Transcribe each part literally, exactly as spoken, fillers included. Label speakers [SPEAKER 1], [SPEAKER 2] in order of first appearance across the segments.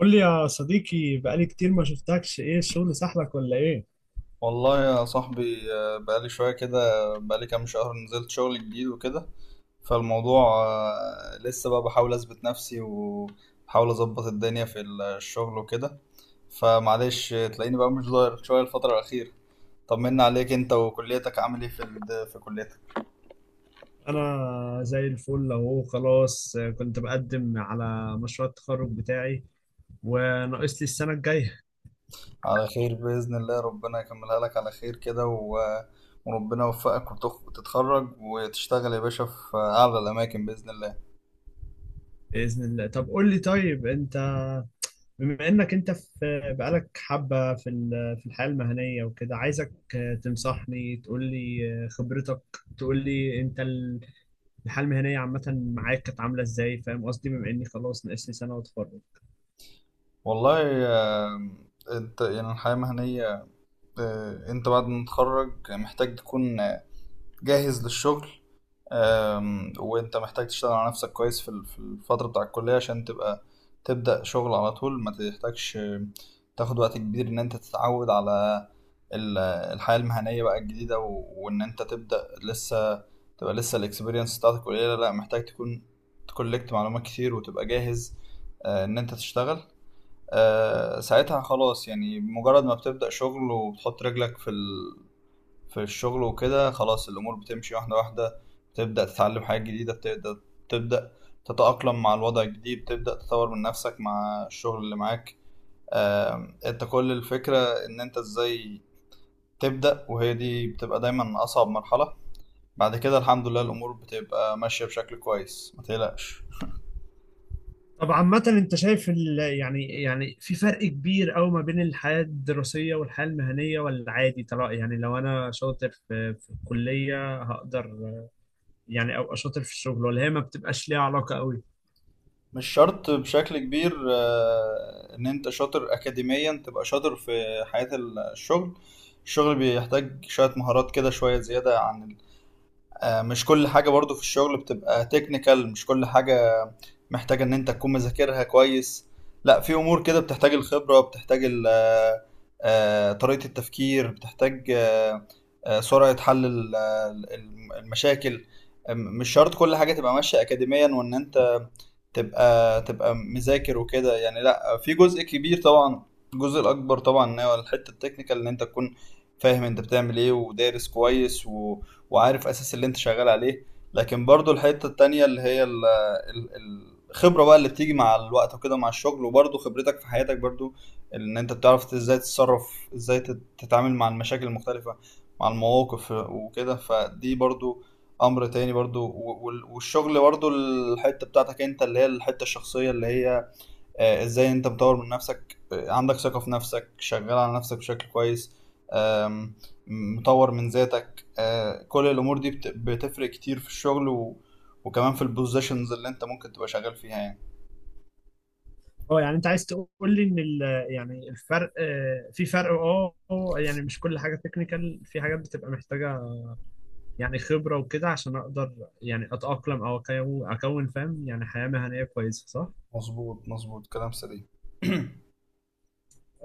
[SPEAKER 1] قول لي يا صديقي، بقالي كتير ما شفتكش، ايه الشغل سحلك ولا ايه؟
[SPEAKER 2] والله يا صاحبي، آه، بقالي شوية كده. بقالي كام شهر نزلت شغل جديد وكده. فالموضوع آه، لسه بقى بحاول أثبت نفسي وبحاول أظبط الدنيا في الشغل وكده. فمعلش، آه، تلاقيني بقى مش ظاهر شوية الفترة الأخيرة. طمنا عليك، أنت وكليتك، عامل إيه في ال- في كليتك؟
[SPEAKER 1] انا زي الفل اهو. خلاص كنت بقدم على مشروع التخرج بتاعي وناقص لي السنة الجاية.
[SPEAKER 2] على خير بإذن الله، ربنا يكملها لك على خير كده و- وربنا يوفقك وتخ- وتتخرج وتشتغل يا باشا في أعلى الأماكن بإذن الله.
[SPEAKER 1] بإذن الله. طب قول لي، طيب انت بما انك انت في بقالك حبة في ال- في الحياة المهنية وكده، عايزك تنصحني، تقول لي خبرتك، تقول لي انت الحياة المهنية عامة معاك كانت عاملة ازاي؟ فاهم قصدي؟ بما اني خلاص ناقص لي سنة واتخرج.
[SPEAKER 2] والله، آه، انت يعني الحياة المهنية، آه، انت بعد ما تتخرج محتاج تكون آه، جاهز للشغل. آم، وانت محتاج تشتغل على نفسك كويس في ال- في الفترة بتاع الكلية عشان تبقى تبدأ شغل على طول، ما تحتاجش آه، تاخد وقت كبير ان انت تتعود على ال- الحياة المهنية بقى الجديدة و- وان انت تبدأ لسه تبقى لسه الاكسبيرينس بتاعتك قليلة. لا، محتاج تكون تكولكت معلومات كتير وتبقى جاهز آه، ان انت تشتغل. آه، ساعتها خلاص، يعني مجرد ما بتبدأ شغل وبتحط رجلك في ال في الشغل وكده، خلاص الأمور بتمشي واحدة واحدة. بتبدأ تتعلم حاجات جديدة، بتبدأ تبدأ تتأقلم مع الوضع الجديد، تبدأ تطور من نفسك مع الشغل اللي معاك. آم، انت كل الفكرة ان انت ازاي تبدأ، وهي دي بتبقى دايما أصعب مرحلة. بعد كده الحمد لله الأمور بتبقى ماشية بشكل كويس، ما تقلقش.
[SPEAKER 1] طب عامة انت شايف ال... يعني، يعني في فرق كبير قوي ما بين الحياة الدراسية والحياة المهنية ولا عادي؟ ترى يعني لو انا شاطر في في الكلية هقدر يعني ابقى شاطر في الشغل، ولا هي ما بتبقاش ليها علاقة قوي؟
[SPEAKER 2] مش شرط بشكل كبير آه، ان انت شاطر اكاديميا تبقى شاطر في حياة الشغل. الشغل بيحتاج شوية مهارات كده، شوية زيادة عن آه، مش كل حاجة برضو في الشغل بتبقى تكنيكال، مش كل حاجة محتاجة ان انت تكون مذاكرها كويس. لا، في امور كده بتحتاج الخبرة، بتحتاج ال- آه، آه، طريقة التفكير، بتحتاج آه، آه، سرعة حل ال- آه، ال- المشاكل. آه، مش شرط كل حاجة تبقى ماشية اكاديميا وان انت تبقى تبقى مذاكر وكده يعني. لا، في جزء كبير طبعا، الجزء الاكبر طبعا ان هو الحته التكنيكال، ان انت تكون فاهم انت بتعمل ايه ودارس كويس، و... وعارف اساس اللي انت شغال عليه. لكن برضو الحته التانية اللي هي ال... ال... ال- الخبره بقى اللي بتيجي مع الوقت وكده مع الشغل، وبرضو خبرتك في حياتك برضو، ان انت بتعرف ازاي تتصرف، ازاي تت- تتعامل مع المشاكل المختلفه، مع المواقف وكده. فدي برضو امر تاني برضو، و- وال- والشغل برضو الحته بتاعتك انت اللي هي الحته الشخصيه، اللي هي آه، ازاي انت مطور من نفسك، آه، عندك ثقه في نفسك، شغال على نفسك بشكل كويس. آم، مطور من ذاتك، آه، كل الامور دي بت- بتفرق كتير في الشغل، و... وكمان في البوزيشنز اللي انت ممكن تبقى شغال فيها يعني.
[SPEAKER 1] اه، يعني انت عايز تقول لي ان ال... يعني الفرق آه، في فرق، اه، آه، يعني مش كل حاجة تكنيكال، في حاجات بتبقى محتاجة يعني خبرة وكده عشان اقدر يعني اتأقلم او أكو- اكون فاهم يعني حياة مهنية كويسة، صح؟
[SPEAKER 2] مظبوط مظبوط كلام سليم.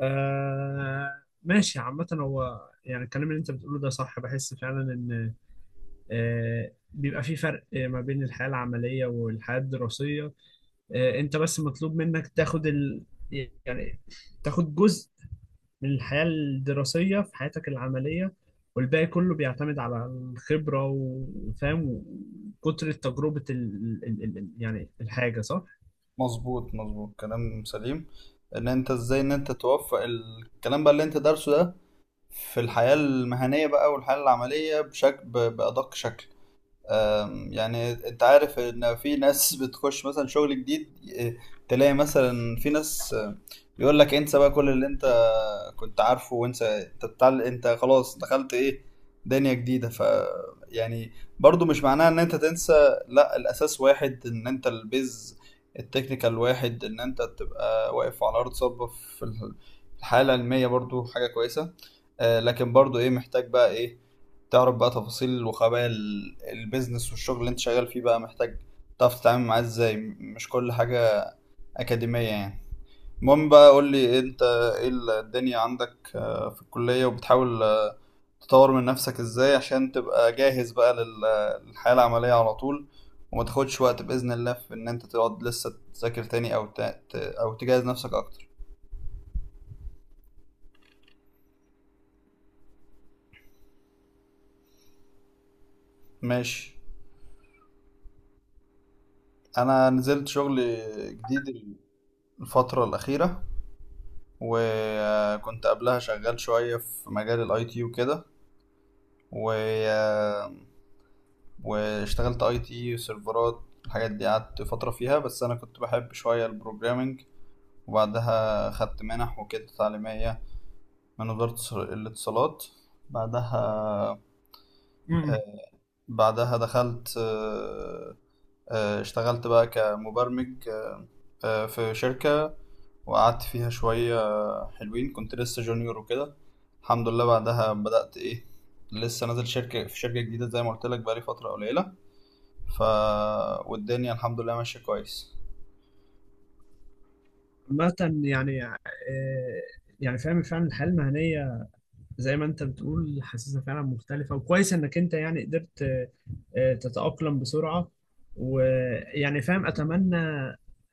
[SPEAKER 1] آه ماشي. عامة هو يعني الكلام اللي انت بتقوله ده صح، بحس فعلا ان، آه، بيبقى في فرق ما بين الحياة العملية والحياة الدراسية. آه، انت بس مطلوب منك تاخد ال... يعني تاخد جزء من الحياة الدراسية في حياتك العملية، والباقي كله بيعتمد على الخبرة وفاهم، وكتر تجربة ال... ال... ال... ال- يعني الحاجة، صح؟
[SPEAKER 2] مظبوط مظبوط كلام سليم. ان انت ازاي ان انت توفق الكلام بقى اللي انت دارسه ده في الحياة المهنية بقى والحياة العملية بشكل بأدق شكل. أم، يعني انت عارف ان في ناس بتخش مثلا شغل جديد، ي- تلاقي مثلا في ناس أم، يقول لك انسى بقى كل اللي انت كنت عارفه، وانسى، انت بتعل... انت خلاص دخلت ايه، دنيا جديدة. ف يعني برضو مش معناها ان انت تنسى. لا، الاساس واحد، ان انت البيز التكنيكال واحد، ان انت تبقى واقف على ارض صلبة في الح- الحالة العلمية برضو حاجة كويسة. أه، لكن برضو ايه، محتاج بقى ايه تعرف بقى تفاصيل وخبايا ال- البيزنس والشغل اللي انت شغال فيه بقى، محتاج تعرف تتعامل معاه ازاي، م- مش كل حاجة أكاديمية يعني. المهم بقى، قول لي انت ايه ال- الدنيا عندك آه، في الكلية، وبتحاول آه، تطور من نفسك ازاي عشان تبقى جاهز بقى لل- للحياة العملية على طول، وما تاخدش وقت بإذن الله في ان انت تقعد لسه تذاكر تاني، او ت... ت- او تجهز نفسك اكتر. ماشي. انا نزلت شغل جديد الفترة الأخيرة، وكنت قبلها شغال شوية في مجال الاي تي وكده. و... آه، واشتغلت اي تي، سيرفرات، الحاجات دي، قعدت فترة فيها، بس انا كنت بحب شوية البروجرامينج. وبعدها خدت منح وكده تعليمية من وزارة الاتصالات. بعدها
[SPEAKER 1] امم.
[SPEAKER 2] آه، بعدها دخلت، آه، آه، اشتغلت بقى كمبرمج آه، في شركة، وقعدت فيها شوية آه، حلوين، كنت لسه جونيور وكده. الحمد لله بعدها بدأت إيه، لسه نازل شركة في شركة جديدة زي ما قلت لك بقالي فترة قليلة. ف والدنيا الحمد لله ماشية كويس.
[SPEAKER 1] عامة يعني، آه، يعني فاهم فعلا الحياة المهنية زي ما انت بتقول، حاسسها فعلا مختلفة، وكويس انك انت يعني قدرت، آه، تتأقلم بسرعة. ويعني فاهم، اتمنى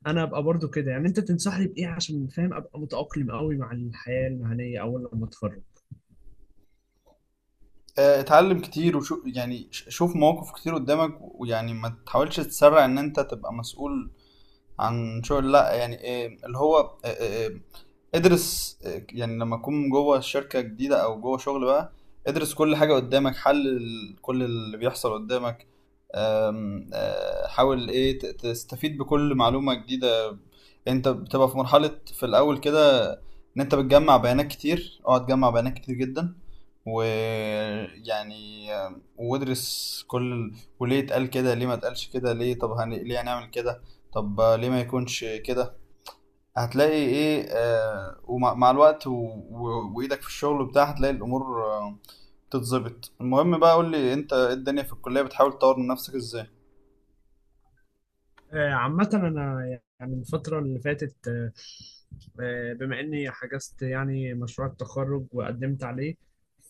[SPEAKER 1] انا ابقى برضو كده. يعني انت تنصحني بايه عشان فاهم ابقى متأقلم قوي مع الحياة المهنية اول لما اتخرج؟
[SPEAKER 2] آه، اتعلم كتير وشوف يعني، ش- شوف مواقف كتير قدامك، ويعني ما تحاولش تسرع ان انت تبقى مسؤول عن شغل. لا يعني إيه اللي هو، آه، آه، آه، ادرس. يعني لما تكون جوه شركة جديدة أو جوه شغل بقى ادرس كل حاجة قدامك، حلل كل اللي بيحصل قدامك. أم، أه، حاول ايه ت- تستفيد بكل معلومة جديدة. انت بتبقى في مرحلة في الأول كده، إن أنت بتجمع بيانات كتير. اقعد جمع بيانات كتير جدا، ويعني آه، وادرس كل ال- وليه اتقال كده، ليه ما اتقالش كده، ليه طب هن... ليه هنعمل كده، طب ليه ما يكونش كده. هتلاقي ايه، آه ومع مع الوقت و... و... وايدك في الشغل وبتاع، هتلاقي الامور آه تتظبط. المهم بقى، قول لي انت إيه الدنيا في الكلية، بتحاول تطور من نفسك ازاي؟
[SPEAKER 1] آه، عامة انا يعني الفترة اللي فاتت، آه، آه، بما اني حجزت يعني مشروع التخرج وقدمت عليه،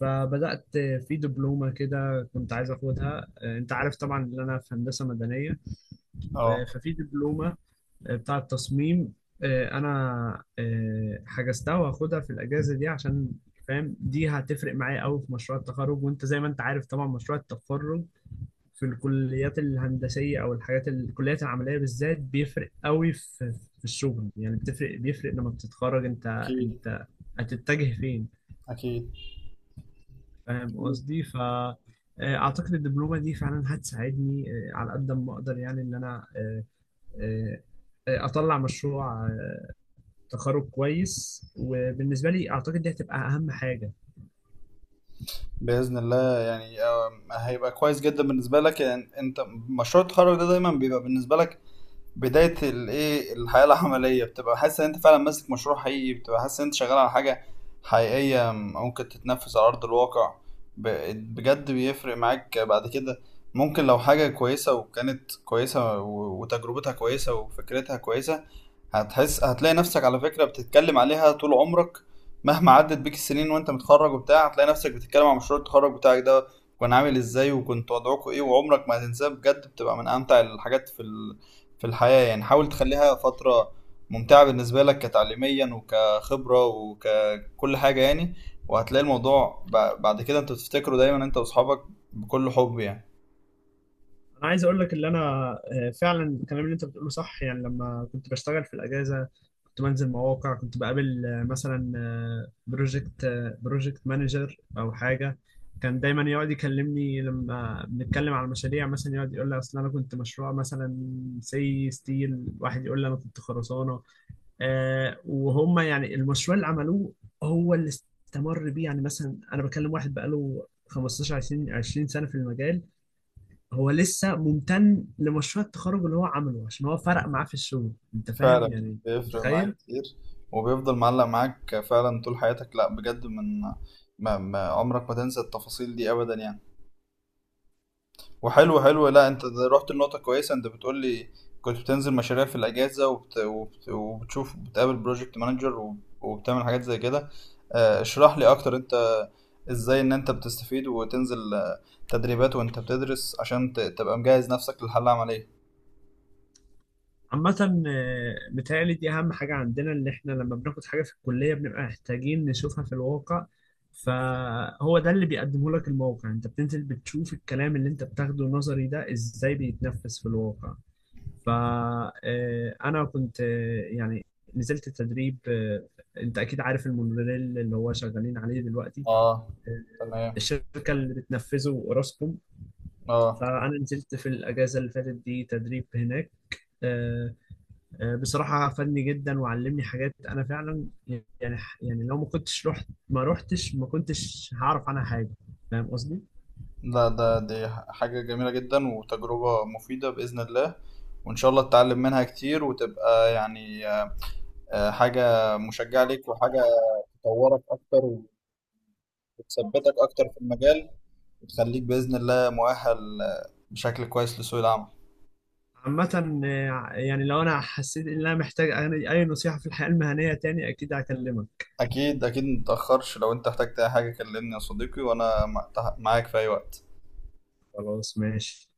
[SPEAKER 1] فبدأت في دبلومة كده كنت عايز اخدها. آه، انت عارف طبعا ان انا في هندسة مدنية. آه،
[SPEAKER 2] اه
[SPEAKER 1] ففي دبلومة بتاع التصميم، آه، انا آه، حجزتها وهاخدها في الاجازه دي، عشان فاهم دي هتفرق معايا قوي في مشروع التخرج. وانت زي ما انت عارف طبعا مشروع التخرج في الكليات الهندسيه او الحاجات الكليات العمليه بالذات بيفرق قوي في في الشغل يعني، بتفرق، بيفرق لما بتتخرج انت
[SPEAKER 2] اكيد.
[SPEAKER 1] انت هتتجه فين.
[SPEAKER 2] اكيد
[SPEAKER 1] فاهم قصدي؟ ف، آه، اعتقد الدبلومه دي فعلا هتساعدني، آه، على قد ما اقدر يعني ان انا، آه، آه، آه، اطلع مشروع تخرج كويس. وبالنسبه لي اعتقد دي هتبقى اهم حاجه.
[SPEAKER 2] باذن الله، يعني آه هيبقى كويس جدا بالنسبة لك، يعني انت مشروع التخرج ده دايما بيبقى بالنسبة لك بداية الايه الحياة العملية، بتبقى حاسس ان انت فعلا ماسك مشروع حقيقي، بتبقى حاسس ان انت شغال على حاجة حقيقية ممكن تتنفذ على أرض الواقع. ب- بجد بيفرق معاك بعد كده. ممكن لو حاجة كويسة، وكانت كويسة و- وتجربتها كويسة وفكرتها كويسة، هتحس، هتلاقي نفسك على فكرة بتتكلم عليها طول عمرك. مهما عدت بيك السنين وانت متخرج وبتاع، هتلاقي نفسك بتتكلم عن مشروع التخرج بتاعك ده، كان عامل ازاي، وكنت وضعكوا ايه. وعمرك ما هتنساه بجد، بتبقى من امتع الحاجات في ال في الحياة يعني. حاول تخليها فترة ممتعة بالنسبة لك كتعليميا وكخبرة وككل حاجة يعني. وهتلاقي الموضوع ب- بعد كده انت بتفتكره دايما انت واصحابك بكل حب يعني.
[SPEAKER 1] انا عايز اقول لك ان انا، آه، فعلا الكلام اللي انت بتقوله صح. يعني لما كنت بشتغل في الاجازه كنت بنزل مواقع، كنت بقابل آه، مثلا بروجكت بروجكت مانجر او حاجه، كان دايما يقعد يكلمني. لما بنتكلم على المشاريع مثلا يقعد يقول لي اصل انا كنت مشروع مثلا سي ستيل، واحد يقول لي انا كنت خرسانه. آه، وهم يعني المشروع اللي عملوه هو اللي استمر بيه. يعني مثلا انا بكلم واحد بقاله خمسة عشر عشرين عشرين سنه في المجال، هو لسه ممتن لمشروع التخرج اللي هو عمله عشان هو فرق معاه في الشغل. انت فاهم
[SPEAKER 2] فعلا
[SPEAKER 1] يعني؟
[SPEAKER 2] بيفرق معاك
[SPEAKER 1] متخيل؟
[SPEAKER 2] كتير، وبيفضل معلق معاك فعلا طول حياتك. لا بجد، من ما ما عمرك ما تنسى التفاصيل دي ابدا يعني. وحلو حلو. لا، انت ده رحت لنقطة كويسة، انت بتقول لي كنت بتنزل مشاريع في الأجازة وبت... وبت... وبتشوف، بتقابل بروجكت مانجر، وب... وبتعمل حاجات زي كده. آه، اشرح لي أكتر، انت ازاي ان انت بتستفيد وتنزل آه، تدريبات وانت بتدرس عشان ت... تبقى مجهز نفسك للحالة العملية.
[SPEAKER 1] عامة، آه، متهيألي دي أهم حاجة عندنا، إن إحنا لما بناخد حاجة في الكلية بنبقى محتاجين نشوفها في الواقع. فهو ده اللي بيقدمه لك الموقع، يعني أنت بتنزل بتشوف الكلام اللي أنت بتاخده نظري ده إزاي بيتنفذ في الواقع. فأنا كنت، آه، يعني نزلت تدريب. آه، أنت أكيد عارف المونوريل اللي هو شغالين عليه دلوقتي،
[SPEAKER 2] اه.
[SPEAKER 1] آه،
[SPEAKER 2] تمام.
[SPEAKER 1] الشركة اللي بتنفذه أوراسكوم.
[SPEAKER 2] اه.
[SPEAKER 1] فأنا نزلت في الأجازة اللي فاتت دي تدريب هناك. آه، آه، بصراحة فادني جدا وعلمني حاجات، أنا فعلا يعني، يعني لو ما كنتش رحت ما رحتش ما كنتش هعرف عنها حاجة. فاهم قصدي؟
[SPEAKER 2] لا، ده دي حاجة جميلة جدا وتجربة مفيدة بإذن الله، وإن شاء الله تتعلم منها كتير، وتبقى يعني آه، حاجة مشجعة ليك، وحاجة تطورك اكتر وتثبتك اكتر في المجال، وتخليك باذن الله مؤهل آه، بشكل كويس لسوق العمل.
[SPEAKER 1] عامة، آه، يعني لو أنا حسيت إن أنا محتاج أي أي نصيحة في الحياة المهنية تاني، أكيد هكلمك.
[SPEAKER 2] اكيد اكيد، متتاخرش لو انت احتجت اي حاجه كلمني يا صديقي، وانا مع- تح- معاك في اي وقت.
[SPEAKER 1] خلاص، ماشي.